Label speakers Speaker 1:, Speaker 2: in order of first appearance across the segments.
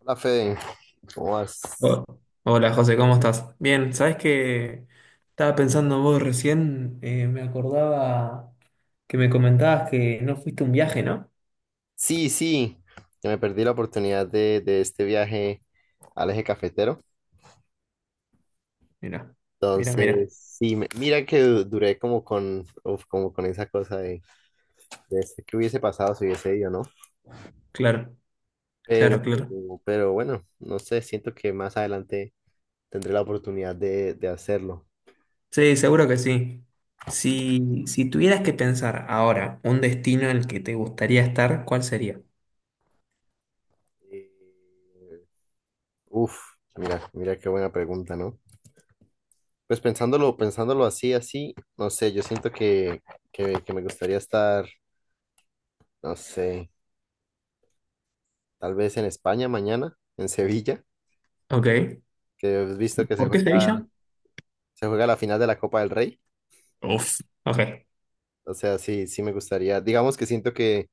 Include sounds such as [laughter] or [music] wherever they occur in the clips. Speaker 1: Hola Fede, ¿cómo vas?
Speaker 2: Ho- Hola José, ¿cómo estás? Bien, ¿sabés que estaba pensando vos recién? Me acordaba que me comentabas que no fuiste a un viaje, ¿no?
Speaker 1: Sí, sí, que me perdí la oportunidad de este viaje al eje cafetero.
Speaker 2: Mira, mira, mira.
Speaker 1: Entonces, sí, mira que duré como con, uf, como con esa cosa de qué hubiese pasado si hubiese ido, ¿no?
Speaker 2: Claro,
Speaker 1: Pero,
Speaker 2: claro, claro.
Speaker 1: pero bueno, no sé, siento que más adelante tendré la oportunidad de hacerlo.
Speaker 2: Sí, seguro que sí. Si tuvieras que pensar ahora un destino en el que te gustaría estar, ¿cuál sería?
Speaker 1: Eh, uf, mira, mira qué buena pregunta, ¿no? Pues pensándolo, pensándolo así, así, no sé, yo siento que me gustaría estar. No sé, tal vez en España mañana, en Sevilla,
Speaker 2: Ok.
Speaker 1: que has visto que
Speaker 2: ¿Por qué Sevilla?
Speaker 1: se juega la final de la Copa del Rey.
Speaker 2: Uf. Ok.
Speaker 1: O sea, sí, sí me gustaría. Digamos que siento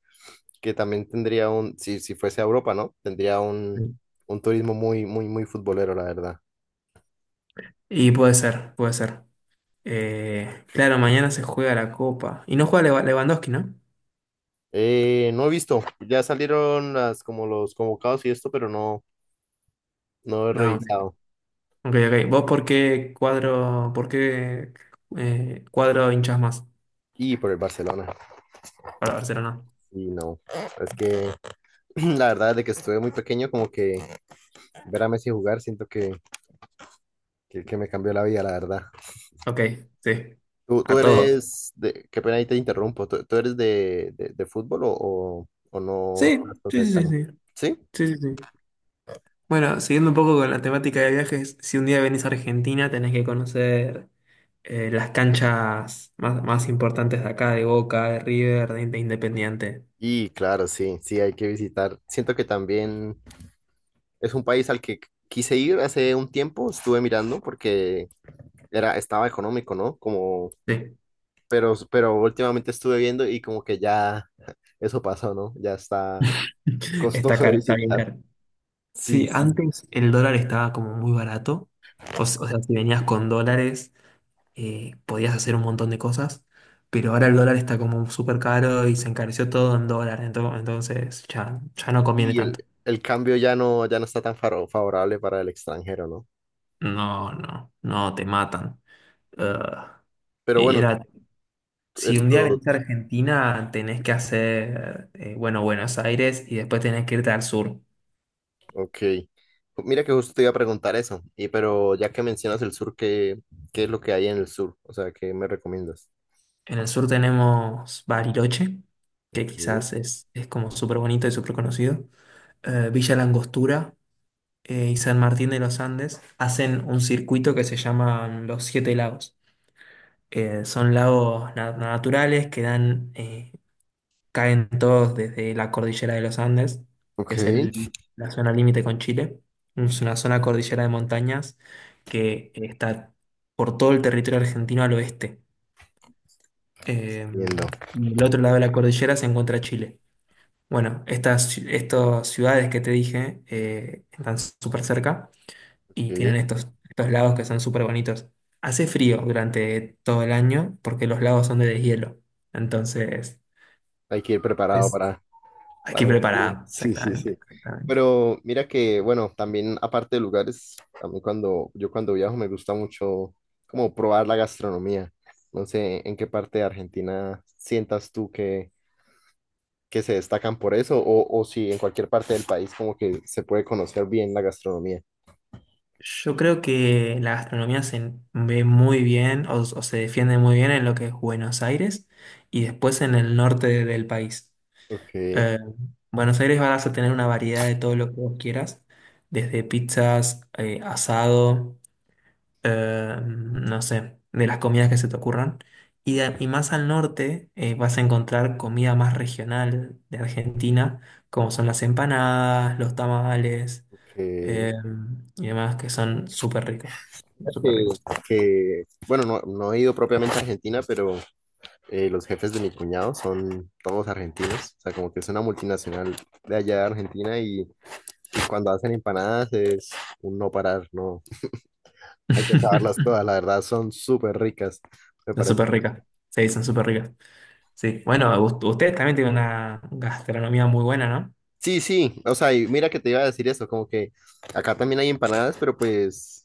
Speaker 1: que también tendría un, si, si fuese a Europa, ¿no? Tendría un turismo muy, muy, muy futbolero, la verdad.
Speaker 2: Y puede ser, puede ser. Claro, mañana se juega la Copa. Y no juega Lewandowski, ¿no?
Speaker 1: No he visto, ya salieron las, como los convocados y esto, pero no, no he
Speaker 2: No,
Speaker 1: revisado.
Speaker 2: ok, ok. ¿Vos por qué cuadro hinchas más
Speaker 1: Y por el Barcelona,
Speaker 2: para Barcelona?
Speaker 1: y no. Es que [clears throat] la verdad, de que estuve muy pequeño, como que ver a Messi jugar, siento que me cambió la vida, la verdad.
Speaker 2: Ok, sí.
Speaker 1: ¿Tú
Speaker 2: A todos.
Speaker 1: eres de, qué pena ahí te interrumpo, ¿tú eres de fútbol o no
Speaker 2: Sí,
Speaker 1: estás tan
Speaker 2: sí, sí,
Speaker 1: cercano?
Speaker 2: sí.
Speaker 1: ¿Sí?
Speaker 2: Sí, sí, sí, sí. Bueno, siguiendo un poco con la temática de viajes, si un día venís a Argentina tenés que conocer las canchas más, más importantes de acá, de Boca, de River, de Independiente.
Speaker 1: Y claro, sí, sí, hay que visitar. Siento que también es un país al que quise ir hace un tiempo, estuve mirando porque era, estaba económico, ¿no? Como,
Speaker 2: Sí,
Speaker 1: pero últimamente estuve viendo y como que ya [laughs] eso pasó, ¿no? Ya está
Speaker 2: [laughs] está
Speaker 1: costoso de
Speaker 2: caro, está bien
Speaker 1: visitar.
Speaker 2: caro.
Speaker 1: Sí,
Speaker 2: Sí,
Speaker 1: sí.
Speaker 2: antes el dólar estaba como muy barato. O sea, si venías con dólares podías hacer un montón de cosas, pero ahora el dólar está como súper caro y se encareció todo en dólar, entonces ya, ya no conviene
Speaker 1: Y
Speaker 2: tanto.
Speaker 1: el cambio ya no, ya no está tan favorable para el extranjero, ¿no?
Speaker 2: No, no, no, te matan. Ah,
Speaker 1: Pero bueno,
Speaker 2: era, si un día
Speaker 1: esto,
Speaker 2: venís a Argentina, tenés que hacer, bueno, Buenos Aires y después tenés que irte al sur.
Speaker 1: ok. Mira que justo te iba a preguntar eso, y pero ya que mencionas el sur, ¿qué, qué es lo que hay en el sur? O sea, ¿qué me recomiendas?
Speaker 2: En el sur tenemos Bariloche, que
Speaker 1: Ok,
Speaker 2: quizás es como súper bonito y súper conocido. Villa La Angostura, y San Martín de los Andes hacen un circuito que se llaman los Siete Lagos. Son lagos naturales que dan, caen todos desde la cordillera de los Andes, que es
Speaker 1: ok,
Speaker 2: la zona límite con Chile. Es una zona cordillera de montañas que está por todo el territorio argentino al oeste. Eh,
Speaker 1: entiendo,
Speaker 2: y del otro lado de la cordillera se encuentra Chile. Bueno, estas ciudades que te dije están súper cerca. Y
Speaker 1: ok.
Speaker 2: tienen estos, estos lagos que son súper bonitos. Hace frío durante todo el año porque los lagos son de deshielo. Entonces,
Speaker 1: Hay que ir preparado
Speaker 2: es, hay que ir
Speaker 1: para... Sí, [laughs]
Speaker 2: preparado,
Speaker 1: sí, sí,
Speaker 2: exactamente,
Speaker 1: sí.
Speaker 2: exactamente.
Speaker 1: Pero mira que, bueno, también aparte de lugares, a mí cuando, yo cuando viajo me gusta mucho como probar la gastronomía. No sé en qué parte de Argentina sientas tú que se destacan por eso, o si en cualquier parte del país como que se puede conocer bien la gastronomía.
Speaker 2: Yo creo que la gastronomía se ve muy bien o se defiende muy bien en lo que es Buenos Aires y después en el norte del país.
Speaker 1: Ok,
Speaker 2: Eh, Buenos Aires vas a tener una variedad de todo lo que vos quieras, desde pizzas, asado, no sé, de las comidas que se te ocurran. Y, y más al norte vas a encontrar comida más regional de Argentina, como son las empanadas, los tamales
Speaker 1: ok.
Speaker 2: eh, y demás, que son súper ricos. Súper
Speaker 1: Que,
Speaker 2: ricos.
Speaker 1: que, bueno, no, no he ido propiamente a Argentina, pero los jefes de mi cuñado son todos argentinos, o sea, como que es una multinacional de allá de Argentina y cuando hacen empanadas es un no parar, no, hay que acabarlas
Speaker 2: [laughs]
Speaker 1: todas, la verdad son súper ricas. Me
Speaker 2: Son
Speaker 1: parece.
Speaker 2: súper ricas. Sí, son súper ricas. Sí, bueno, ustedes también tienen una gastronomía muy buena, ¿no?
Speaker 1: Sí, sí, o sea, y mira que te iba a decir eso, como que acá también hay empanadas, pero pues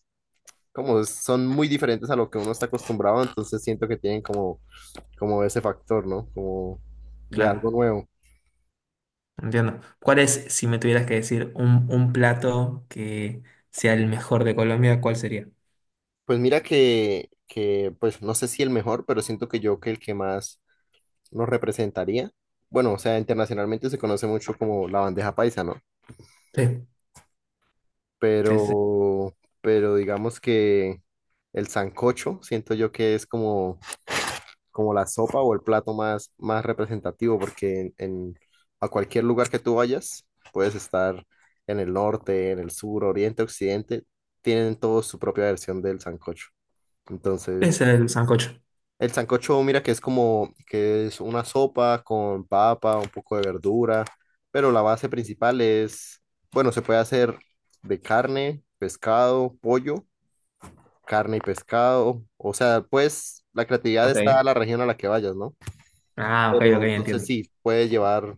Speaker 1: como son muy diferentes a lo que uno está acostumbrado, entonces siento que tienen como, como ese factor, ¿no? Como de algo
Speaker 2: Claro,
Speaker 1: nuevo.
Speaker 2: entiendo. ¿Cuál es, si me tuvieras que decir, un plato que sea el mejor de Colombia, cuál sería?
Speaker 1: Pues mira que, pues no sé si el mejor, pero siento que yo que el que más nos representaría. Bueno, o sea, internacionalmente se conoce mucho como la bandeja paisa, ¿no?
Speaker 2: Sí. Sí, sí.
Speaker 1: Pero digamos que el sancocho, siento yo que es como como la sopa o el plato más, más representativo, porque en a cualquier lugar que tú vayas, puedes estar en el norte, en el sur, oriente, occidente, tienen todos su propia versión del sancocho. Entonces,
Speaker 2: Es el sancocho.
Speaker 1: el sancocho, mira que es como, que es una sopa con papa, un poco de verdura, pero la base principal es, bueno, se puede hacer de carne, pescado, pollo, carne y pescado, o sea, pues la creatividad está a
Speaker 2: Ok.
Speaker 1: la región a la que vayas, ¿no?
Speaker 2: Ah, ok, ok,
Speaker 1: Pero entonces
Speaker 2: entiendo.
Speaker 1: sí, puede llevar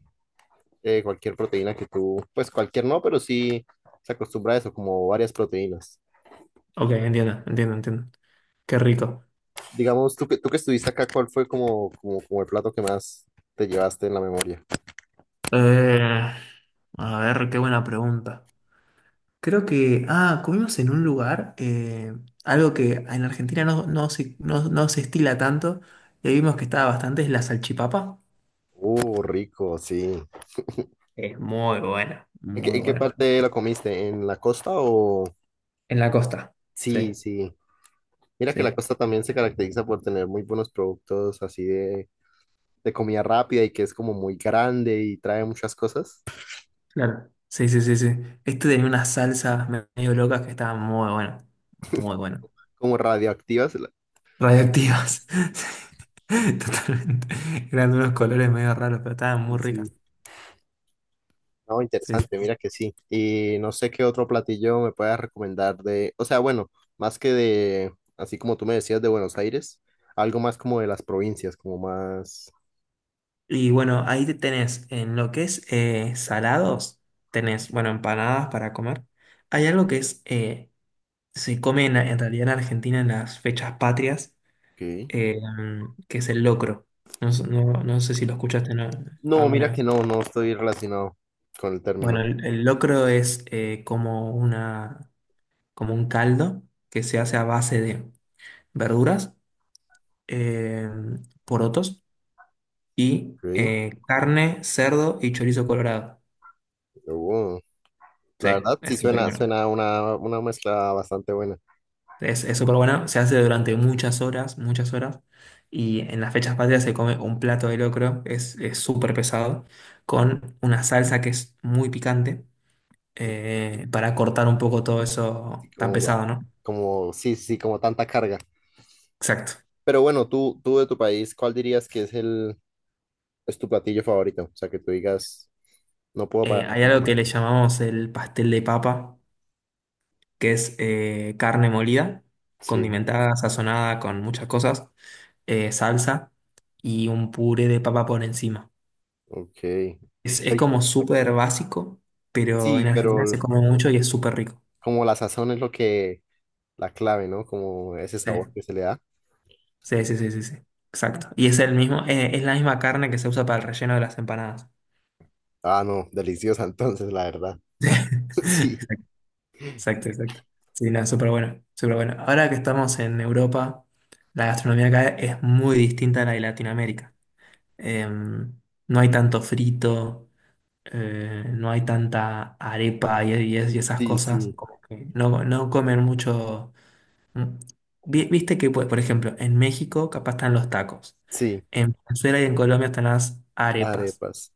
Speaker 1: cualquier proteína que tú, pues cualquier no, pero sí se acostumbra a eso, como varias proteínas.
Speaker 2: Ok, entiendo, entiendo, entiendo. Qué rico.
Speaker 1: Digamos, tú que estuviste acá, ¿cuál fue como, como, como el plato que más te llevaste en la memoria?
Speaker 2: Eh, a ver, qué buena pregunta. Creo que, ah, comimos en un lugar, algo que en Argentina no se estila tanto, y ahí vimos que estaba bastante, es la salchipapa.
Speaker 1: Rico, sí.
Speaker 2: Es muy buena, muy
Speaker 1: En qué
Speaker 2: buena.
Speaker 1: parte lo comiste? ¿En la costa o...?
Speaker 2: En la costa. Sí,
Speaker 1: Sí, sí. Mira que la
Speaker 2: sí.
Speaker 1: costa también se caracteriza por tener muy buenos productos así de comida rápida y que es como muy grande y trae muchas cosas
Speaker 2: Claro. Sí, sí, sí, sí. Este tenía unas salsas medio locas que estaban muy buenas. Muy buenas.
Speaker 1: como radioactivas.
Speaker 2: Radioactivas. [laughs] Sí, totalmente. Eran unos colores medio raros, pero estaban muy
Speaker 1: Sí.
Speaker 2: ricas.
Speaker 1: No,
Speaker 2: Sí,
Speaker 1: interesante,
Speaker 2: sí.
Speaker 1: mira que sí. Y no sé qué otro platillo me puedas recomendar de, o sea, bueno, más que de, así como tú me decías, de Buenos Aires, algo más como de las provincias, como más...
Speaker 2: Y bueno, ahí te tenés, en lo que es salados, tenés, bueno, empanadas para comer. Hay algo que es, se come en realidad en Argentina en las fechas patrias,
Speaker 1: Ok.
Speaker 2: eh, que es el locro. No, sé no- no sé si lo escuchaste, ¿no?
Speaker 1: No,
Speaker 2: Alguna
Speaker 1: mira que
Speaker 2: vez.
Speaker 1: no, no estoy relacionado con el
Speaker 2: Bueno,
Speaker 1: término.
Speaker 2: el locro es como una, como un caldo que se hace a base de verduras, eh, porotos y
Speaker 1: Ok,
Speaker 2: carne, cerdo y chorizo colorado.
Speaker 1: oh,
Speaker 2: Sí,
Speaker 1: la verdad sí
Speaker 2: es súper
Speaker 1: suena,
Speaker 2: bueno.
Speaker 1: suena una mezcla bastante buena.
Speaker 2: Es súper bueno, se hace durante muchas horas, muchas horas. Y en las fechas patrias se come un plato de locro, es súper pesado, con una salsa que es muy picante, para cortar un poco todo
Speaker 1: Así
Speaker 2: eso tan
Speaker 1: como,
Speaker 2: pesado, ¿no?
Speaker 1: como, sí, sí, como tanta carga.
Speaker 2: Exacto.
Speaker 1: Pero bueno, tú de tu país, ¿cuál dirías que es el, es tu platillo favorito? O sea, que tú digas, no puedo parar de
Speaker 2: Hay algo
Speaker 1: comer.
Speaker 2: que le llamamos el pastel de papa, que es carne molida,
Speaker 1: Sí,
Speaker 2: condimentada, sazonada con muchas cosas, salsa y un puré de papa por encima.
Speaker 1: ok.
Speaker 2: Es
Speaker 1: Rico.
Speaker 2: como súper básico, pero
Speaker 1: Sí,
Speaker 2: en Argentina
Speaker 1: pero
Speaker 2: se come mucho y es súper rico.
Speaker 1: como la sazón es lo que, la clave, ¿no? Como ese
Speaker 2: Sí,
Speaker 1: sabor que se le da.
Speaker 2: sí, sí, sí, sí, sí. Exacto. Y es el mismo, es la misma carne que se usa para el relleno de las empanadas.
Speaker 1: Ah, no, deliciosa [laughs] entonces, la verdad.
Speaker 2: [laughs]
Speaker 1: [laughs]
Speaker 2: Exacto, exacto, exacto. Sí, no, súper bueno, súper bueno. Ahora que estamos en Europa, la gastronomía acá es muy distinta a la de Latinoamérica. em, no hay tanto frito, no hay tanta arepa y, y esas
Speaker 1: Sí, sí,
Speaker 2: cosas,
Speaker 1: sí,
Speaker 2: como que no, no comen mucho. Mm. Viste que, pues, por ejemplo, en México capaz están los tacos,
Speaker 1: sí,
Speaker 2: en Venezuela y en Colombia están las arepas,
Speaker 1: arepas.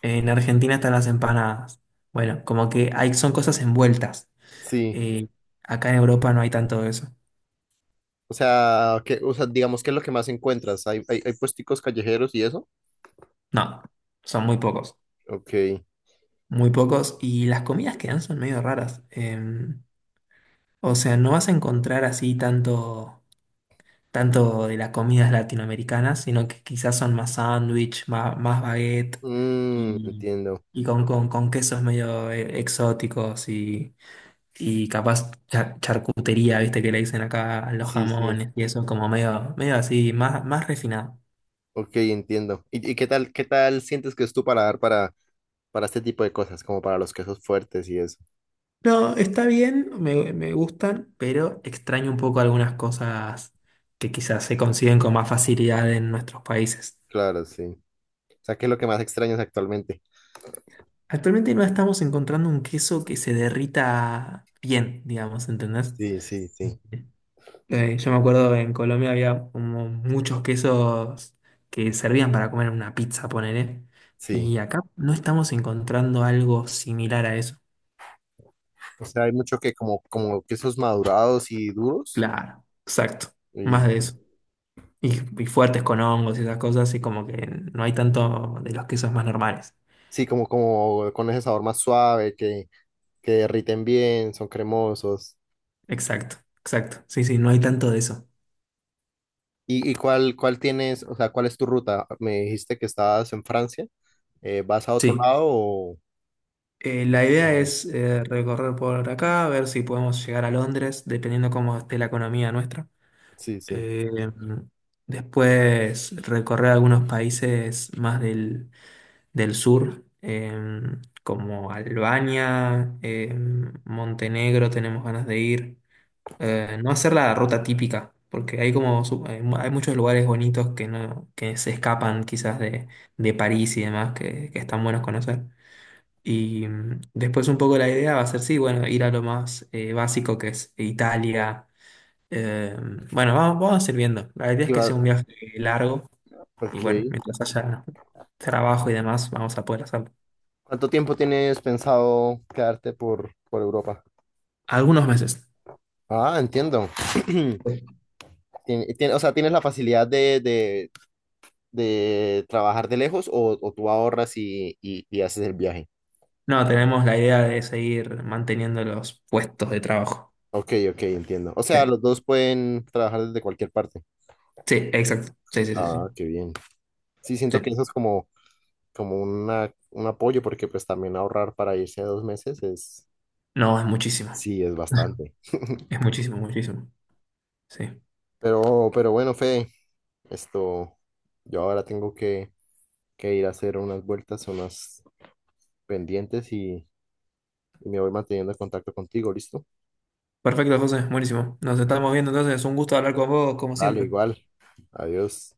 Speaker 2: en Argentina están las empanadas. Bueno, como que hay, son cosas envueltas.
Speaker 1: Sí,
Speaker 2: Eh, Acá en Europa no hay tanto de eso.
Speaker 1: o sea, que, o sea, digamos que es lo que más encuentras. Hay puesticos callejeros y eso.
Speaker 2: No, son muy pocos.
Speaker 1: Ok.
Speaker 2: Muy pocos, y las comidas que dan son medio raras. O sea, no vas a encontrar así tanto, tanto de las comidas latinoamericanas, sino que quizás son más sándwich, más, más baguette
Speaker 1: Mm,
Speaker 2: y,
Speaker 1: entiendo.
Speaker 2: y con quesos medio exóticos y capaz charcutería, viste que le dicen acá a los
Speaker 1: Sí, sí.
Speaker 2: jamones y eso, como medio, medio así, más, más refinado.
Speaker 1: Ok, entiendo. Y qué tal sientes que es tu paladar para este tipo de cosas, como para los quesos fuertes y eso?
Speaker 2: No, está bien, me gustan, pero extraño un poco algunas cosas que quizás se consiguen con más facilidad en nuestros países.
Speaker 1: Claro, sí. O sea, ¿qué es lo que más extrañas actualmente?
Speaker 2: Actualmente no estamos encontrando un queso que se derrita bien, digamos, ¿entendés?
Speaker 1: Sí, sí, sí,
Speaker 2: Yo me acuerdo en Colombia había como muchos quesos que servían para comer en una pizza, ponele.
Speaker 1: sí.
Speaker 2: Y acá no estamos encontrando algo similar a eso.
Speaker 1: O sea, hay mucho que como, como quesos madurados y duros.
Speaker 2: Claro, exacto.
Speaker 1: Y
Speaker 2: Más de eso. Y fuertes con hongos y esas cosas, y como que no hay tanto de los quesos más normales.
Speaker 1: sí, como, como con ese sabor más suave, que derriten bien, son cremosos.
Speaker 2: Exacto, exacto. Sí, sí, no hay tanto de eso.
Speaker 1: Y cuál, cuál tienes, o sea, cuál es tu ruta? Me dijiste que estabas en Francia. ¿Vas a otro
Speaker 2: Sí.
Speaker 1: lado o...?
Speaker 2: La idea es recorrer por acá, ver si podemos llegar a Londres, dependiendo cómo esté la economía nuestra.
Speaker 1: Sí, sí.
Speaker 2: Eh, Después recorrer algunos países más del, del sur, como Albania, Montenegro, tenemos ganas de ir. No hacer la ruta típica, porque hay como hay, hay muchos lugares bonitos que no, que se escapan quizás de París y demás, que están buenos conocer. Y mm, después un poco la idea va a ser, sí, bueno, ir a lo más básico que es Italia. Eh, bueno, vamos, vamos a ir viendo. La idea
Speaker 1: Y
Speaker 2: es que sea un viaje largo y
Speaker 1: ok.
Speaker 2: bueno, mientras haya trabajo y demás, vamos a poder hacerlo.
Speaker 1: ¿Cuánto tiempo tienes pensado quedarte por Europa?
Speaker 2: Algunos meses.
Speaker 1: Ah, entiendo. [clears throat] O sea, tienes la facilidad de trabajar de lejos o tú ahorras y haces el viaje.
Speaker 2: No, tenemos la idea de seguir manteniendo los puestos de trabajo.
Speaker 1: Ok, ok, entiendo. O
Speaker 2: Sí,
Speaker 1: sea, los dos pueden trabajar desde cualquier parte.
Speaker 2: sí, exacto. Sí, sí, sí, sí.
Speaker 1: Ah, qué bien. Sí,
Speaker 2: Sí.
Speaker 1: siento que eso es como, como una, un apoyo porque pues también ahorrar para irse a 2 meses es,
Speaker 2: No, es muchísimo.
Speaker 1: sí, es
Speaker 2: [laughs]
Speaker 1: bastante.
Speaker 2: Es muchísimo, muchísimo. Sí.
Speaker 1: Pero bueno, Fede, esto, yo ahora tengo que ir a hacer unas vueltas, unas pendientes y me voy manteniendo en contacto contigo, ¿listo?
Speaker 2: Perfecto, José. Buenísimo. Nos estamos viendo entonces. Un gusto hablar con vos, como
Speaker 1: Dale,
Speaker 2: siempre.
Speaker 1: igual. Adiós.